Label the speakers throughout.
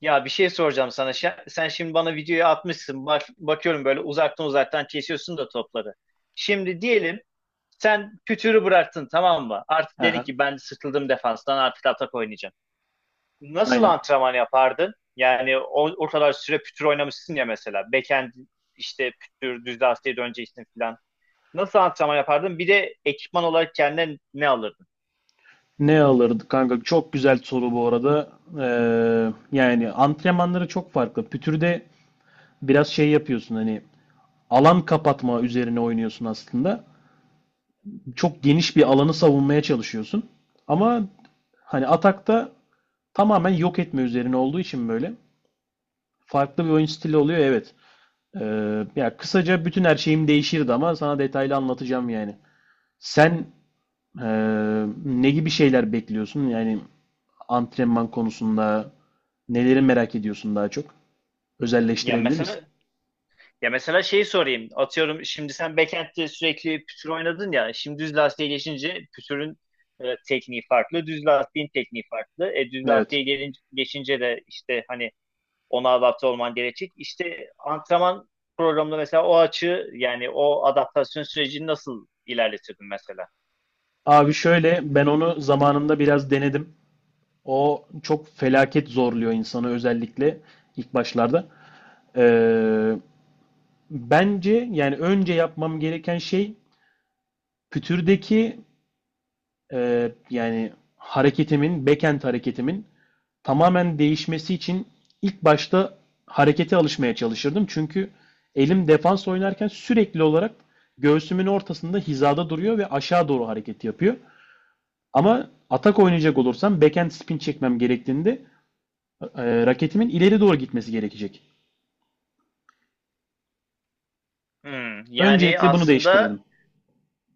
Speaker 1: Ya bir şey soracağım sana. Sen şimdi bana videoyu atmışsın. Bak, bakıyorum böyle uzaktan uzaktan kesiyorsun da topları. Şimdi diyelim sen pütürü bıraktın, tamam mı? Artık dedin
Speaker 2: Aha,
Speaker 1: ki ben sıkıldım defanstan, artık atak oynayacağım. Nasıl
Speaker 2: aynen.
Speaker 1: antrenman yapardın? Yani o kadar süre pütür oynamışsın ya, mesela. Backhand işte, pütür, düz lastiğe döneceksin falan. Nasıl antrenman yapardın? Bir de ekipman olarak kendine ne alırdın?
Speaker 2: Ne alırdı kanka? Çok güzel soru bu arada. Ee, Yani antrenmanları çok farklı. Pütür'de biraz şey yapıyorsun, hani alan kapatma üzerine oynuyorsun aslında. Çok geniş bir alanı savunmaya çalışıyorsun. Ama hani atakta tamamen yok etme üzerine olduğu için böyle farklı bir oyun stili oluyor, evet. Ya kısaca bütün her şeyim değişirdi ama sana detaylı anlatacağım yani. Sen ne gibi şeyler bekliyorsun? Yani antrenman konusunda neleri merak ediyorsun daha çok?
Speaker 1: Ya
Speaker 2: Özelleştirebilir misin?
Speaker 1: mesela, ya mesela şeyi sorayım. Atıyorum, şimdi sen backend'de sürekli pütür oynadın ya. Şimdi düz lastiğe geçince pütürün tekniği farklı. Düz lastiğin tekniği farklı. Düz
Speaker 2: Evet.
Speaker 1: lastiğe gelince, geçince de işte hani ona adapte olman gerekecek. İşte antrenman programında mesela o açı, yani o adaptasyon sürecini nasıl ilerletirdin mesela?
Speaker 2: Abi şöyle, ben onu zamanında biraz denedim. O çok felaket zorluyor insanı, özellikle ilk başlarda. Ee, Bence yani önce yapmam gereken şey pütürdeki yani hareketimin, backend hareketimin tamamen değişmesi için ilk başta harekete alışmaya çalışırdım. Çünkü elim defans oynarken sürekli olarak göğsümün ortasında hizada duruyor ve aşağı doğru hareket yapıyor. Ama atak oynayacak olursam backhand spin çekmem gerektiğinde raketimin ileri doğru gitmesi gerekecek.
Speaker 1: Hmm, yani
Speaker 2: Öncelikle bunu
Speaker 1: aslında,
Speaker 2: değiştirirdim.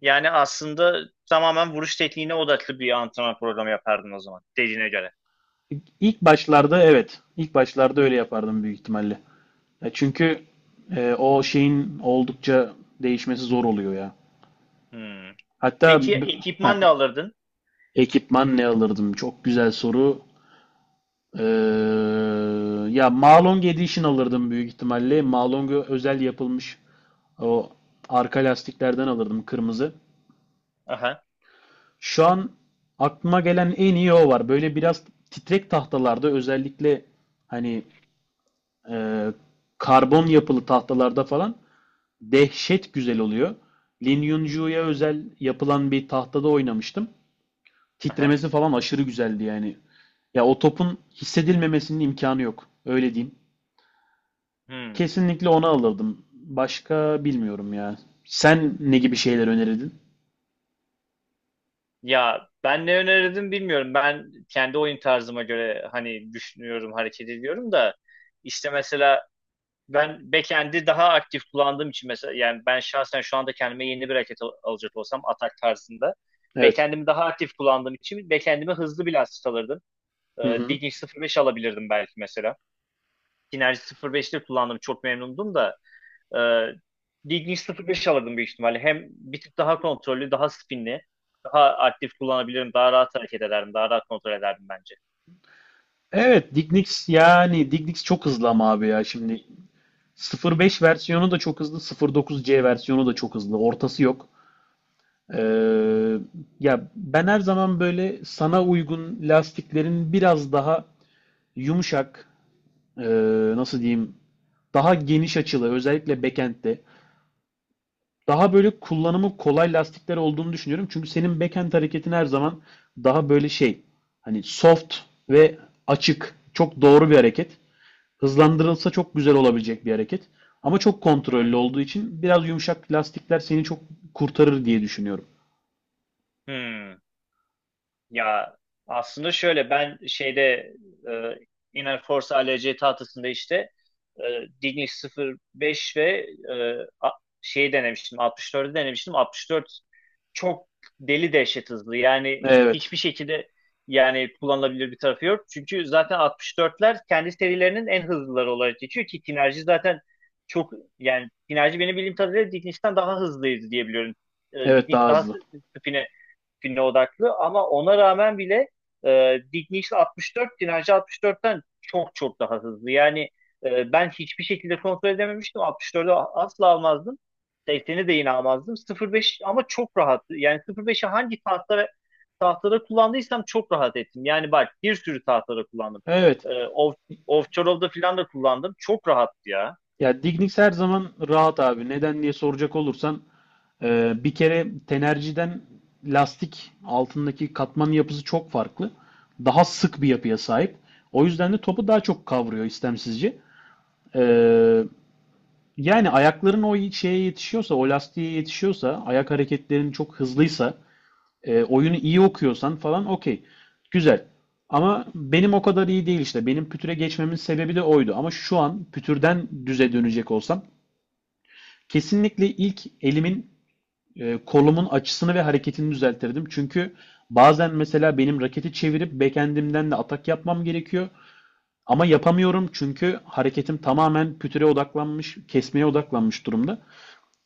Speaker 1: yani aslında tamamen vuruş tekniğine odaklı bir antrenman programı yapardın o zaman dediğine göre.
Speaker 2: İlk başlarda evet, ilk başlarda öyle yapardım büyük ihtimalle. Çünkü o şeyin oldukça değişmesi zor oluyor ya.
Speaker 1: Hmm.
Speaker 2: Hatta
Speaker 1: Peki
Speaker 2: heh,
Speaker 1: ekipman ne alırdın?
Speaker 2: ekipman ne alırdım? Çok güzel soru. Ee, Ya Malong Edition alırdım büyük ihtimalle. Malong'a özel yapılmış o arka lastiklerden alırdım, kırmızı.
Speaker 1: Aha.
Speaker 2: Şu an aklıma gelen en iyi o var. Böyle biraz titrek tahtalarda, özellikle hani e, karbon yapılı tahtalarda falan dehşet güzel oluyor. Lin Yunju'ya özel yapılan bir tahtada oynamıştım.
Speaker 1: Aha.
Speaker 2: Titremesi falan aşırı güzeldi yani. Ya o topun hissedilmemesinin imkanı yok. Öyle diyeyim.
Speaker 1: Hmm.
Speaker 2: Kesinlikle onu alırdım. Başka bilmiyorum ya. Sen ne gibi şeyler önerirdin?
Speaker 1: Ya ben ne önerirdim bilmiyorum. Ben kendi oyun tarzıma göre hani düşünüyorum, hareket ediyorum da işte mesela ben backend'i daha aktif kullandığım için, mesela yani ben şahsen şu anda kendime yeni bir hareket alacak olsam atak tarzında
Speaker 2: Evet.
Speaker 1: backend'imi daha aktif kullandığım için backend'ime hızlı bir lastik alırdım.
Speaker 2: Hı hı.
Speaker 1: Digging 05 alabilirdim belki mesela. Synergy 05'te kullandım, çok memnundum da Ee, Diggs 0.5 alırdım büyük ihtimalle. Hem bir tık daha kontrollü, daha spinli, daha aktif kullanabilirim, daha rahat hareket ederdim, daha rahat kontrol ederdim bence.
Speaker 2: Evet, Dignics, yani Dignics çok hızlı ama abi ya şimdi 0.5 versiyonu da çok hızlı, 0.9C versiyonu da çok hızlı. Ortası yok. Ee, Ya ben her zaman böyle sana uygun lastiklerin biraz daha yumuşak, nasıl diyeyim, daha geniş açılı, özellikle backend'de daha böyle kullanımı kolay lastikler olduğunu düşünüyorum. Çünkü senin backhand hareketin her zaman daha böyle şey, hani soft ve açık. Çok doğru bir hareket. Hızlandırılsa çok güzel olabilecek bir hareket. Ama çok
Speaker 1: Hı hı.
Speaker 2: kontrollü olduğu için biraz yumuşak lastikler seni çok kurtarır diye düşünüyorum.
Speaker 1: Hmm. Ya aslında şöyle, ben şeyde e, Inner Force ALC tahtasında işte e, Dignic 05 ve şeyi denemiştim, 64'ü denemiştim. 64 çok deli dehşet hızlı, yani
Speaker 2: Evet.
Speaker 1: hiçbir şekilde, yani kullanılabilir bir tarafı yok. Çünkü zaten 64'ler kendi serilerinin en hızlıları olarak geçiyor ki Kinerji zaten çok, yani Kinerji benim bildiğim kadarıyla Dignic'ten daha hızlıydı diye biliyorum.
Speaker 2: Evet,
Speaker 1: Dignic
Speaker 2: daha
Speaker 1: daha
Speaker 2: hızlı.
Speaker 1: spin'e güne odaklı, ama ona rağmen bile Dick Nichols 64 Dinarcı 64'ten çok çok daha hızlı. Yani ben hiçbir şekilde kontrol edememiştim. 64'ü asla almazdım. 80'i de yine almazdım. 05 ama çok rahat. Yani 05'i hangi tahtada kullandıysam çok rahat ettim. Yani bak, bir sürü tahtada kullandım.
Speaker 2: Evet.
Speaker 1: E, off, Ovçarov'da falan da kullandım. Çok rahattı ya.
Speaker 2: Ya Dignics her zaman rahat abi. Neden diye soracak olursan bir kere tenerciden lastik altındaki katmanın yapısı çok farklı. Daha sık bir yapıya sahip. O yüzden de topu daha çok kavruyor istemsizce. Ee, Yani ayakların o şeye yetişiyorsa, o lastiğe yetişiyorsa, ayak hareketlerin çok hızlıysa, oyunu iyi okuyorsan falan, okey. Güzel. Ama benim o kadar iyi değil işte. Benim pütüre geçmemin sebebi de oydu. Ama şu an pütürden düze dönecek olsam kesinlikle ilk elimin kolumun açısını ve hareketini düzeltirdim. Çünkü bazen mesela benim raketi çevirip backend'imden de atak yapmam gerekiyor. Ama yapamıyorum çünkü hareketim tamamen pütüre odaklanmış, kesmeye odaklanmış durumda.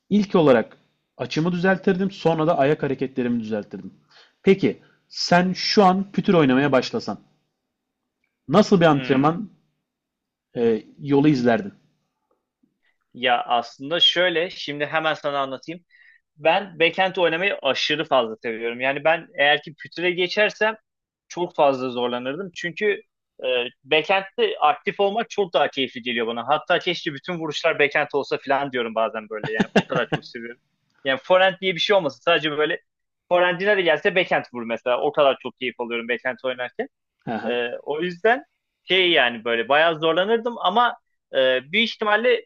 Speaker 2: İlk olarak açımı düzeltirdim, sonra da ayak hareketlerimi düzeltirdim. Peki sen şu an pütür oynamaya başlasan nasıl bir
Speaker 1: Hmm.
Speaker 2: antrenman yolu izlerdin?
Speaker 1: Ya aslında şöyle, şimdi hemen sana anlatayım. Ben backend oynamayı aşırı fazla seviyorum. Yani ben eğer ki pütüre geçersem çok fazla zorlanırdım. Çünkü e, backend'de aktif olmak çok daha keyifli geliyor bana. Hatta keşke bütün vuruşlar backend olsa falan diyorum bazen böyle. Yani o kadar çok seviyorum. Yani forend diye bir şey olmasın. Sadece böyle forendine de gelse backend vur mesela. O kadar çok keyif alıyorum backend oynarken.
Speaker 2: Hı
Speaker 1: O yüzden şey, yani böyle bayağı zorlanırdım ama büyük ihtimalle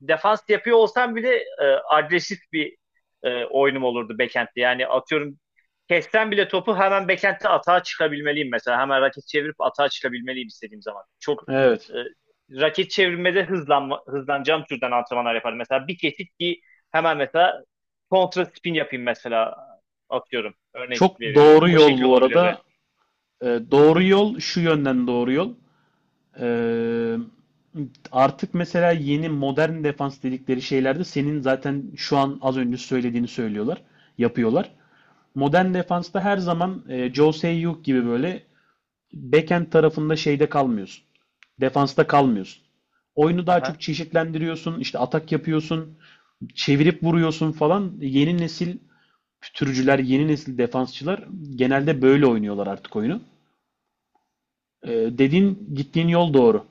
Speaker 1: defans yapıyor olsam bile agresif bir oyunum olurdu backend'de. Yani atıyorum, kessem bile topu hemen backend'de atağa çıkabilmeliyim mesela. Hemen raket çevirip atağa çıkabilmeliyim istediğim zaman. Çok
Speaker 2: evet.
Speaker 1: e, raket çevirmede hızlanma, hızlanacağım türden antrenmanlar yaparım. Mesela bir kesit ki hemen mesela kontra spin yapayım mesela, atıyorum. Örnek
Speaker 2: Çok
Speaker 1: veriyorum.
Speaker 2: doğru
Speaker 1: O
Speaker 2: yol
Speaker 1: şekil
Speaker 2: bu
Speaker 1: olabilir de.
Speaker 2: arada. E, doğru yol şu yönden doğru yol. Ee, Artık mesela yeni modern defans dedikleri şeylerde senin zaten şu an az önce söylediğini söylüyorlar, yapıyorlar. Modern defansta her zaman Jose Sayuk gibi böyle backend tarafında şeyde kalmıyorsun. Defansta kalmıyorsun. Oyunu daha çok
Speaker 1: Aha.
Speaker 2: çeşitlendiriyorsun, işte atak yapıyorsun, çevirip vuruyorsun falan. Yeni nesil türcüler, yeni nesil defansçılar genelde böyle oynuyorlar artık oyunu. Ee, Dediğin gittiğin yol doğru.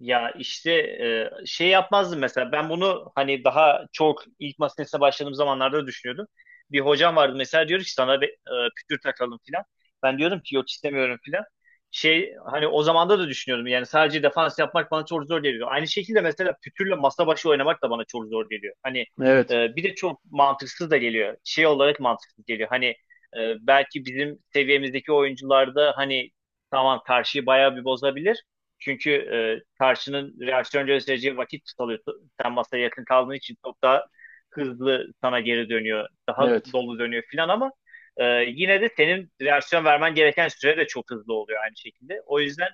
Speaker 1: Ya işte şey yapmazdım mesela, ben bunu hani daha çok ilk masa başladığım zamanlarda düşünüyordum. Bir hocam vardı mesela, diyor ki sana bir pütür takalım filan. Ben diyorum ki yok, istemiyorum filan. Şey, hani o zamanda da düşünüyordum yani sadece defans yapmak bana çok zor geliyor. Aynı şekilde mesela pütürle masa başı oynamak da bana çok zor geliyor. Hani
Speaker 2: Evet,
Speaker 1: bir de çok mantıksız da geliyor. Şey olarak mantıksız geliyor. Hani belki bizim seviyemizdeki oyuncularda hani, tamam, karşıyı bayağı bir bozabilir. Çünkü karşının reaksiyon göstereceği vakit tutalıyor. Sen masaya yakın kaldığın için çok daha hızlı sana geri dönüyor. Daha
Speaker 2: evet.
Speaker 1: dolu dönüyor filan, ama e, yine de senin reaksiyon vermen gereken süre de çok hızlı oluyor aynı şekilde. O yüzden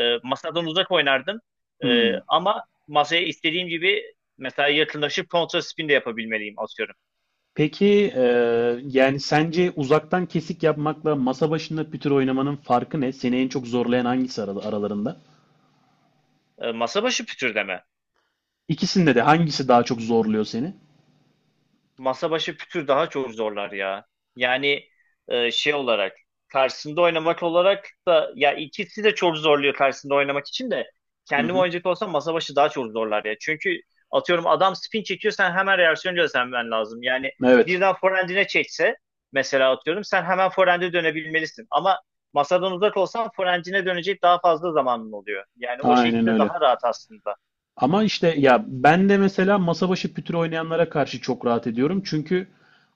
Speaker 1: masadan uzak oynardım.
Speaker 2: Hmm.
Speaker 1: Ama masaya istediğim gibi mesela yakınlaşıp kontra spin de yapabilmeliyim atıyorum.
Speaker 2: Peki yani sence uzaktan kesik yapmakla masa başında pütür oynamanın farkı ne? Seni en çok zorlayan hangisi aralarında?
Speaker 1: Masa başı pütürdeme.
Speaker 2: İkisinde de hangisi daha çok zorluyor seni?
Speaker 1: Masa başı pütür daha çok zorlar ya. Yani şey olarak karşısında oynamak olarak da, ya ikisi de çok zorluyor. Karşısında oynamak için de
Speaker 2: Hı
Speaker 1: kendim
Speaker 2: hı.
Speaker 1: oynayacak olsam masa başı daha çok zorlar ya. Çünkü atıyorum adam spin çekiyor, sen hemen reaksiyon göstermen lazım. Yani
Speaker 2: Evet.
Speaker 1: birden forehand'ine çekse mesela, atıyorum, sen hemen forehand'e dönebilmelisin. Ama masadan uzak olsan forehand'ine dönecek daha fazla zamanın oluyor. Yani o
Speaker 2: Aynen
Speaker 1: şekilde
Speaker 2: öyle.
Speaker 1: daha rahat aslında.
Speaker 2: Ama işte ya ben de mesela masa başı pütür oynayanlara karşı çok rahat ediyorum. Çünkü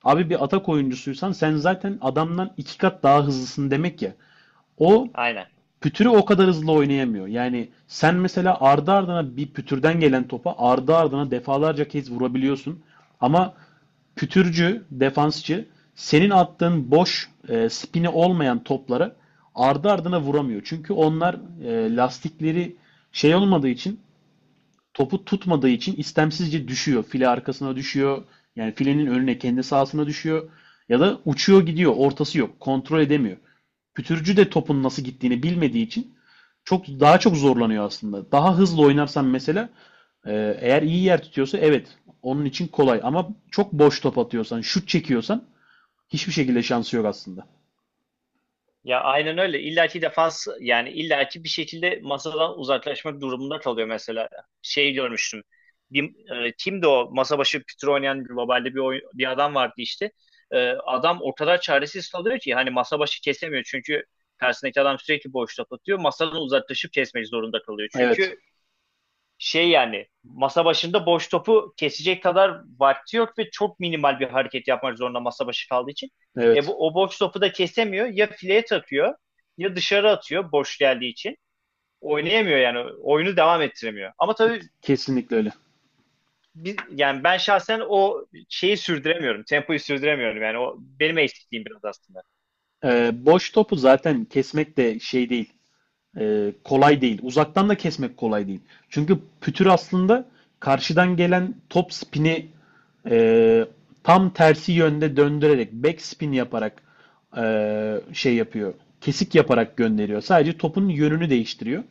Speaker 2: abi, bir atak oyuncusuysan sen zaten adamdan iki kat daha hızlısın demek ya. O
Speaker 1: Aynen.
Speaker 2: pütürü o kadar hızlı oynayamıyor. Yani sen mesela ardı ardına bir pütürden gelen topa ardı ardına defalarca kez vurabiliyorsun. Ama pütürcü, defansçı senin attığın boş spini olmayan toplara ardı ardına vuramıyor. Çünkü onlar lastikleri şey olmadığı için, topu tutmadığı için, istemsizce düşüyor. File arkasına düşüyor. Yani filenin önüne kendi sahasına düşüyor. Ya da uçuyor gidiyor. Ortası yok. Kontrol edemiyor. Pütürcü de topun nasıl gittiğini bilmediği için çok daha çok zorlanıyor aslında. Daha hızlı oynarsan mesela eğer iyi yer tutuyorsa evet, onun için kolay. Ama çok boş top atıyorsan, şut çekiyorsan hiçbir şekilde şansı yok aslında.
Speaker 1: Ya aynen öyle. İllaki defans, yani illaki bir şekilde masadan uzaklaşmak durumunda kalıyor mesela. Şey görmüştüm. Bir, kimdi o masa başı pütür oynayan globalde bir adam vardı işte. Adam o kadar çaresiz kalıyor ki hani masa başı kesemiyor, çünkü karşısındaki adam sürekli boşluk atıyor. Masadan uzaklaşıp kesmek zorunda kalıyor.
Speaker 2: Evet.
Speaker 1: Çünkü şey, yani masa başında boş topu kesecek kadar vakti yok ve çok minimal bir hareket yapmak zorunda masa başı kaldığı için. E
Speaker 2: Evet.
Speaker 1: bu, o boş topu da kesemiyor. Ya fileye takıyor, ya dışarı atıyor boş geldiği için. Oynayamıyor yani. Oyunu devam ettiremiyor. Ama tabii
Speaker 2: Kesinlikle öyle.
Speaker 1: yani ben şahsen o şeyi sürdüremiyorum. Tempoyu sürdüremiyorum. Yani o benim eksikliğim biraz aslında.
Speaker 2: E, boş topu zaten kesmek de şey değil, kolay değil. Uzaktan da kesmek kolay değil. Çünkü pütür aslında karşıdan gelen top spini e, tam tersi yönde döndürerek, back spin yaparak e, şey yapıyor. Kesik yaparak gönderiyor. Sadece topun yönünü değiştiriyor.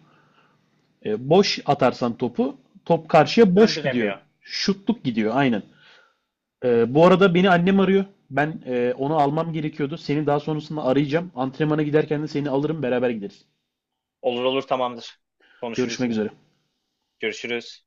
Speaker 2: E, boş atarsan topu, top karşıya boş gidiyor.
Speaker 1: Döndüremiyor.
Speaker 2: Şutluk gidiyor aynen. E, bu arada beni annem arıyor. Ben onu almam gerekiyordu. Seni daha sonrasında arayacağım. Antrenmana giderken de seni alırım, beraber gideriz.
Speaker 1: Olur olur, tamamdır. Konuşuruz
Speaker 2: Görüşmek
Speaker 1: yine.
Speaker 2: üzere.
Speaker 1: Görüşürüz.